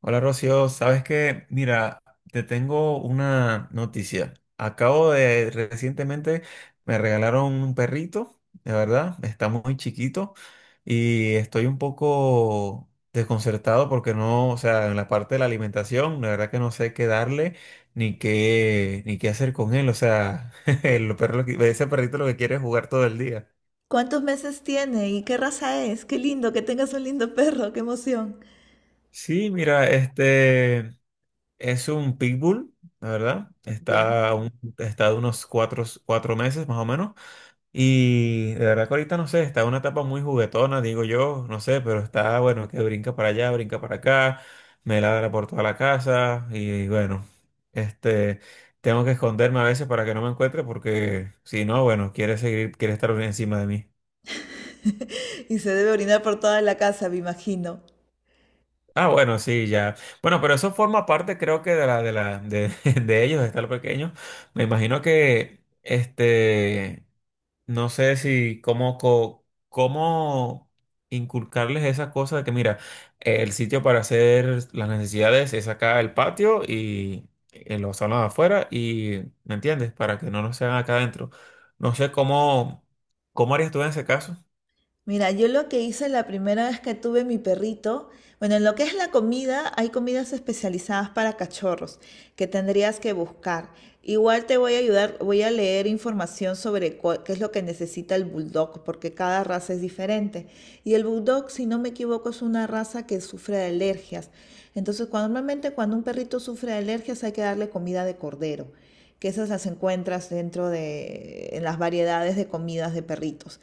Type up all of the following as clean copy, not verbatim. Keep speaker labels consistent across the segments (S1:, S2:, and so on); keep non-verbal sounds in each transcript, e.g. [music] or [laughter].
S1: Hola Rocío, sabes que, mira, te tengo una noticia. Recientemente me regalaron un perrito, de verdad, está muy chiquito y estoy un poco desconcertado porque no, o sea, en la parte de la alimentación, la verdad que no sé qué darle ni qué hacer con él, o sea, [laughs] el perro lo que- ese perrito lo que quiere es jugar todo el día.
S2: ¿Cuántos meses tiene y qué raza es? Qué lindo que tengas un lindo perro, qué emoción. [laughs]
S1: Sí, mira, es un pitbull, la verdad.
S2: Ya.
S1: Está de unos cuatro meses más o menos. Y de verdad que ahorita no sé, está en una etapa muy juguetona, digo yo, no sé, pero está bueno, que brinca para allá, brinca para acá, me ladra por toda la casa y bueno, este, tengo que esconderme a veces para que no me encuentre porque si no, bueno, quiere seguir, quiere estar encima de mí.
S2: Y se debe orinar por toda la casa, me imagino.
S1: Ah, bueno, sí, ya. Bueno, pero eso forma parte, creo que [laughs] de ellos, de estar pequeño. Me imagino que, no sé si cómo, co- cómo inculcarles esa cosa de que, mira, el sitio para hacer las necesidades es acá el patio y los salones afuera y, ¿me entiendes? Para que no nos sean acá adentro. No sé cómo, cómo harías tú en ese caso.
S2: Mira, yo lo que hice la primera vez que tuve mi perrito, bueno, en lo que es la comida, hay comidas especializadas para cachorros que tendrías que buscar. Igual te voy a ayudar, voy a leer información sobre qué es lo que necesita el bulldog, porque cada raza es diferente. Y el bulldog, si no me equivoco, es una raza que sufre de alergias. Entonces, normalmente cuando un perrito sufre de alergias hay que darle comida de cordero, que esas las encuentras en las variedades de comidas de perritos.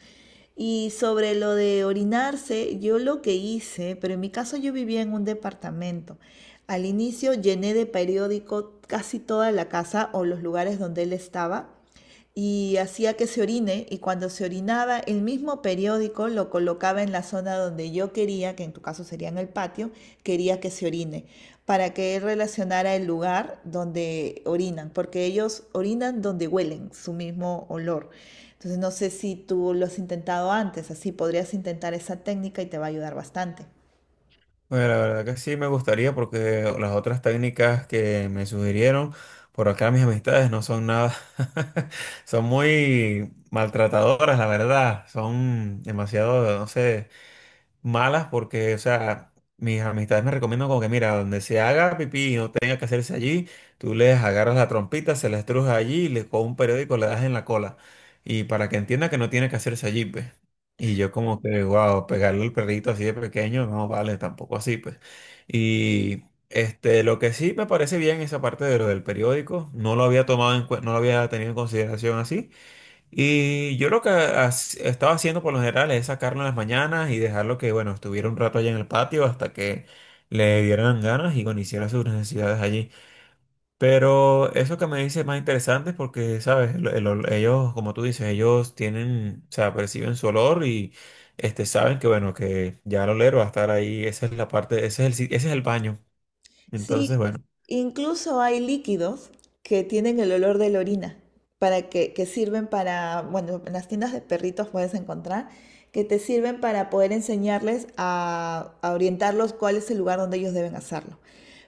S2: Y sobre lo de orinarse, yo lo que hice, pero en mi caso yo vivía en un departamento. Al inicio llené de periódico casi toda la casa o los lugares donde él estaba y hacía que se orine y cuando se orinaba el mismo periódico lo colocaba en la zona donde yo quería, que en tu caso sería en el patio, quería que se orine, para que él relacionara el lugar donde orinan, porque ellos orinan donde huelen, su mismo olor. Entonces no sé si tú lo has intentado antes, así podrías intentar esa técnica y te va a ayudar bastante.
S1: Bueno, la verdad que sí me gustaría porque las otras técnicas que me sugirieron por acá mis amistades no son nada, [laughs] son muy maltratadoras, la verdad, son demasiado, no sé malas porque, o sea, mis amistades me recomiendan como que, mira, donde se haga pipí y no tenga que hacerse allí, tú les agarras la trompita, se la estrujas allí y le con un periódico le das en la cola. Y para que entienda que no tiene que hacerse allí, pues. Y yo como que, wow, pegarle al perrito así de pequeño, no vale, tampoco así, pues. Y lo que sí me parece bien esa parte de lo del periódico, no lo había tomado en cuen- no lo había tenido en consideración así. Y yo estaba haciendo por lo general es sacarlo en las mañanas y dejarlo que, bueno, estuviera un rato allá en el patio hasta que le dieran ganas y, bueno, hiciera sus necesidades allí. Pero eso que me dice es más interesante porque, ¿sabes? Ellos, como tú dices, ellos tienen, o sea, perciben su olor y, saben que, bueno, que ya el oler va a estar ahí. Esa es la parte, ese es el, si- ese es el baño. Entonces,
S2: Sí,
S1: bueno.
S2: incluso hay líquidos que tienen el olor de la orina, que sirven para, bueno, en las tiendas de perritos puedes encontrar, que te sirven para poder enseñarles a orientarlos cuál es el lugar donde ellos deben hacerlo.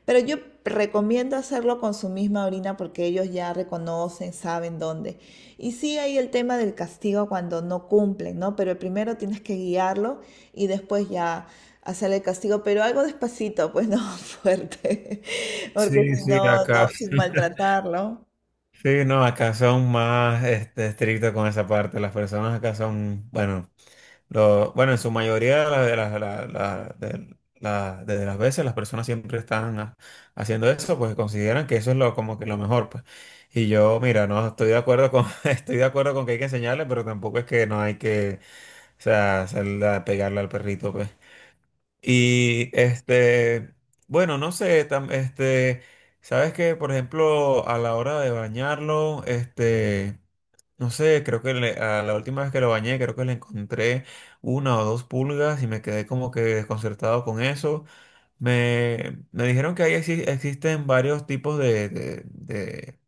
S2: Pero yo recomiendo hacerlo con su misma orina porque ellos ya reconocen, saben dónde. Y sí hay el tema del castigo cuando no cumplen, ¿no? Pero primero tienes que guiarlo y después ya hacer el castigo, pero algo despacito, pues no [laughs] fuerte, porque
S1: Sí,
S2: si
S1: sí,
S2: no, no,
S1: acá.
S2: sin
S1: [laughs]
S2: maltratarlo.
S1: Sí, no, acá son más estrictos con esa parte. Las personas acá son, bueno, lo, bueno, en su mayoría de las, la- la- de las veces las personas siempre están haciendo eso, pues consideran que eso es lo, como que lo mejor, pues. Y yo, mira, no estoy de acuerdo con, [laughs] estoy de acuerdo con que hay que enseñarle, pero tampoco es que no hay que, o sea, pegarle al perrito, pues. Y bueno, no sé, sabes que, por ejemplo, a la hora de bañarlo, no sé, creo que a la última vez que lo bañé, creo que le encontré una o dos pulgas y me quedé como que desconcertado con eso. Me dijeron que ahí existen varios tipos de,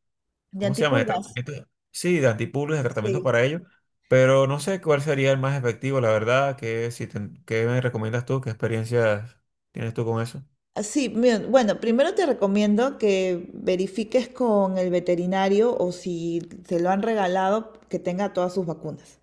S2: De
S1: ¿cómo se llama? De
S2: antipulgas.
S1: tratamiento. Sí, de antipulgas, de tratamientos
S2: Sí.
S1: para ello. Pero no sé cuál sería el más efectivo, la verdad. Que si te- ¿Qué me recomiendas tú? ¿Qué experiencias tienes tú con eso?
S2: Así, bien, bueno, primero te recomiendo que verifiques con el veterinario o si te lo han regalado, que tenga todas sus vacunas.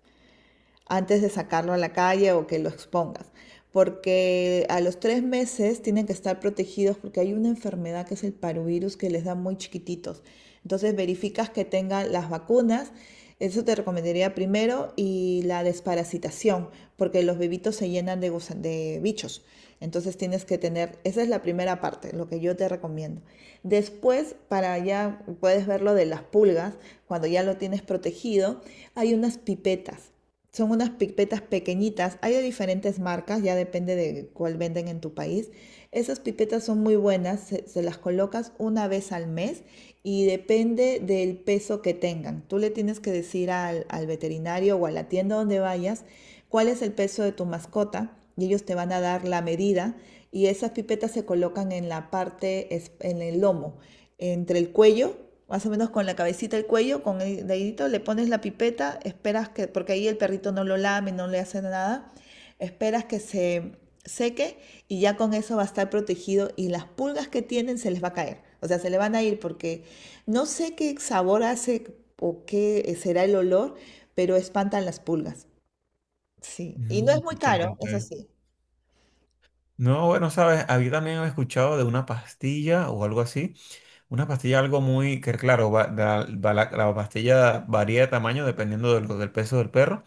S2: Antes de sacarlo a la calle o que lo expongas. Porque a los 3 meses tienen que estar protegidos porque hay una enfermedad que es el parvovirus que les da muy chiquititos. Entonces verificas que tengan las vacunas. Eso te recomendaría primero y la desparasitación, porque los bebitos se llenan de bichos. Entonces tienes que tener, esa es la primera parte, lo que yo te recomiendo. Después, para ya puedes ver lo de las pulgas, cuando ya lo tienes protegido, hay unas pipetas son unas pipetas pequeñitas, hay de diferentes marcas, ya depende de cuál venden en tu país. Esas pipetas son muy buenas, se las colocas una vez al mes y depende del peso que tengan. Tú le tienes que decir al veterinario o a la tienda donde vayas cuál es el peso de tu mascota y ellos te van a dar la medida y esas pipetas se colocan en la parte, en el lomo, entre el cuello más o menos con la cabecita el cuello, con el dedito, le pones la pipeta, esperas que, porque ahí el perrito no lo lame, no le hace nada, esperas que se seque y ya con eso va a estar protegido y las pulgas que tienen se les va a caer, o sea, se le van a ir porque no sé qué sabor hace o qué será el olor, pero espantan las pulgas. Sí, y no
S1: Mm,
S2: es muy
S1: ok,
S2: caro, eso
S1: ok.
S2: sí.
S1: No, bueno, sabes, había también escuchado de una pastilla o algo así. Una pastilla, algo muy, que claro, va la pastilla varía de tamaño dependiendo del peso del perro.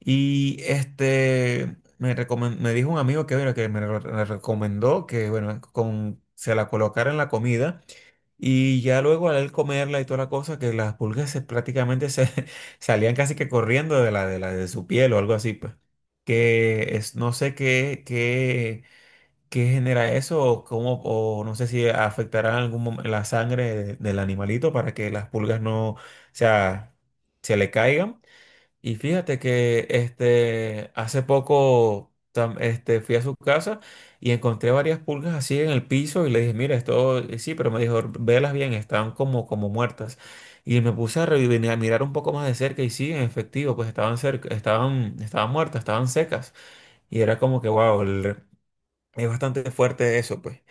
S1: Y este, me dijo un amigo que, bueno, me recomendó que, bueno, con, se la colocara en la comida. Y ya luego al él comerla y toda la cosa, que las pulgas prácticamente se [laughs] salían casi que corriendo de la, de la de su piel o algo así, pues. No sé qué genera eso, o cómo, o no sé si afectará en algún momento la sangre del animalito para que las pulgas no, o sea, se le caigan. Y fíjate que hace poco fui a su casa y encontré varias pulgas así en el piso y le dije, mira, esto sí, pero me dijo, velas bien, están como, como muertas. Y me puse a mirar un poco más de cerca y sí, en efectivo, pues estaban cerca, estaban muertas, estaban secas. Y era como que, wow, es bastante fuerte eso, pues.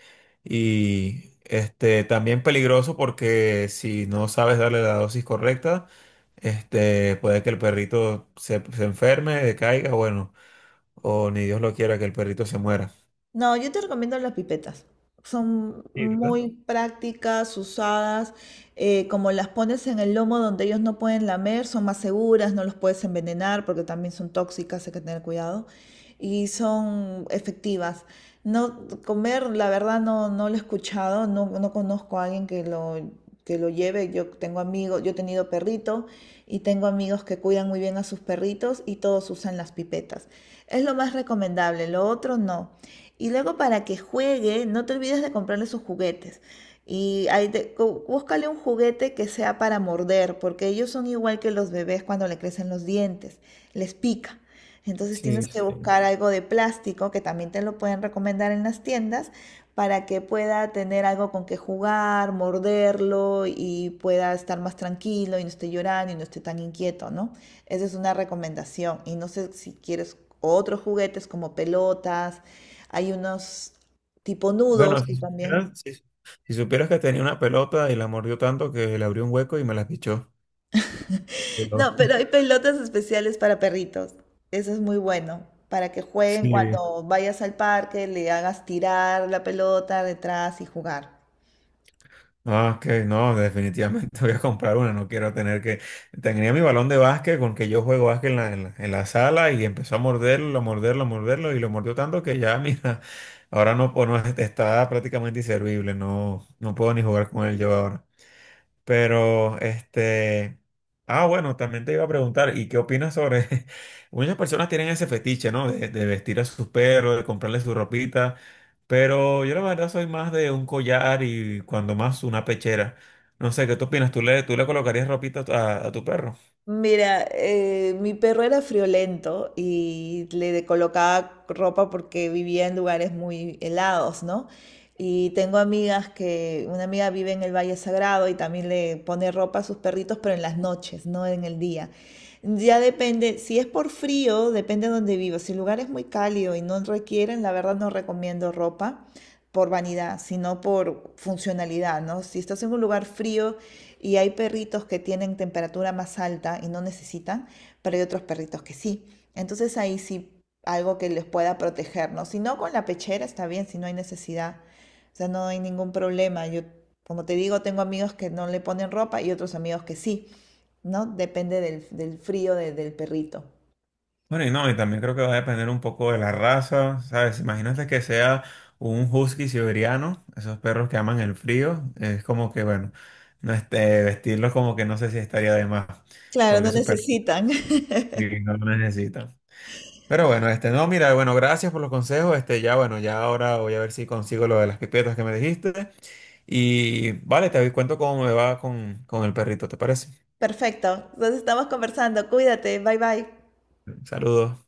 S1: Y este también peligroso porque si no sabes darle la dosis correcta, este puede que el perrito se enferme, decaiga, bueno, o ni Dios lo quiera que el perrito se muera.
S2: No, yo te recomiendo las pipetas. Son
S1: Sí, ¿verdad?
S2: muy prácticas, usadas, como las pones en el lomo donde ellos no pueden lamer, son más seguras, no los puedes envenenar porque también son tóxicas, hay que tener cuidado, y son efectivas. No, comer, la verdad, no, no lo he escuchado, no, no conozco a alguien que lo lleve. Yo tengo amigos, yo he tenido perrito y tengo amigos que cuidan muy bien a sus perritos y todos usan las pipetas. Es lo más recomendable, lo otro no. Y luego para que juegue, no te olvides de comprarle sus juguetes. Y ahí búscale un juguete que sea para morder, porque ellos son igual que los bebés cuando le crecen los dientes, les pica. Entonces
S1: Sí,
S2: tienes que
S1: sí.
S2: buscar algo de plástico, que también te lo pueden recomendar en las tiendas, para que pueda tener algo con que jugar, morderlo y pueda estar más tranquilo y no esté llorando y no esté tan inquieto, ¿no? Esa es una recomendación. Y no sé si quieres otros juguetes como pelotas hay unos tipo nudos
S1: Bueno,
S2: que también.
S1: si supieras que tenía una pelota y la mordió tanto que le abrió un hueco y me la pichó. Pero
S2: No, pero hay
S1: [laughs]
S2: pelotas especiales para perritos. Eso es muy bueno. Para que jueguen
S1: sí.
S2: cuando vayas al parque, le hagas tirar la pelota detrás y jugar.
S1: Ah, ok, no, definitivamente [laughs] voy a comprar una, no quiero tener que... Tenía mi balón de básquet con que yo juego básquet en la sala y empezó a morderlo, a morderlo, a morderlo y lo mordió tanto que ya, [laughs] mira, ahora no, o no está prácticamente inservible, no, no puedo ni jugar con él yo ahora. Pero, ah, bueno, también te iba a preguntar, ¿y qué opinas sobre? [laughs] Muchas personas tienen ese fetiche, ¿no? De vestir a sus perros, de comprarle su ropita, pero yo la verdad soy más de un collar y cuando más una pechera. No sé, ¿qué tú opinas? Tú le colocarías ropita a tu perro?
S2: Mira, mi perro era friolento y colocaba ropa porque vivía en lugares muy helados, ¿no? Y tengo amigas que, una amiga vive en el Valle Sagrado y también le pone ropa a sus perritos, pero en las noches, no en el día. Ya depende, si es por frío, depende de donde vivo. Si el lugar es muy cálido y no requieren, la verdad no recomiendo ropa por vanidad, sino por funcionalidad, ¿no? Si estás en un lugar frío y hay perritos que tienen temperatura más alta y no necesitan, pero hay otros perritos que sí. Entonces ahí sí algo que les pueda proteger, ¿no? Si no con la pechera está bien, si no hay necesidad, o sea, no hay ningún problema. Yo, como te digo, tengo amigos que no le ponen ropa y otros amigos que sí, ¿no? Depende del frío del perrito.
S1: Bueno, y no, y también creo que va a depender un poco de la raza, ¿sabes? Imagínate que sea un husky siberiano, esos perros que aman el frío, es como que, bueno, no este, vestirlos como que no sé si estaría de más,
S2: Claro,
S1: porque
S2: no
S1: su perro
S2: necesitan. [laughs]
S1: sí no lo necesita. Pero bueno, no, mira, bueno, gracias por los consejos, ya, bueno, ya ahora voy a ver si consigo lo de las pipetas que me dijiste, y vale, te cuento cómo me va con el perrito, ¿te parece?
S2: Perfecto, entonces estamos conversando. Cuídate, bye bye.
S1: Saludos.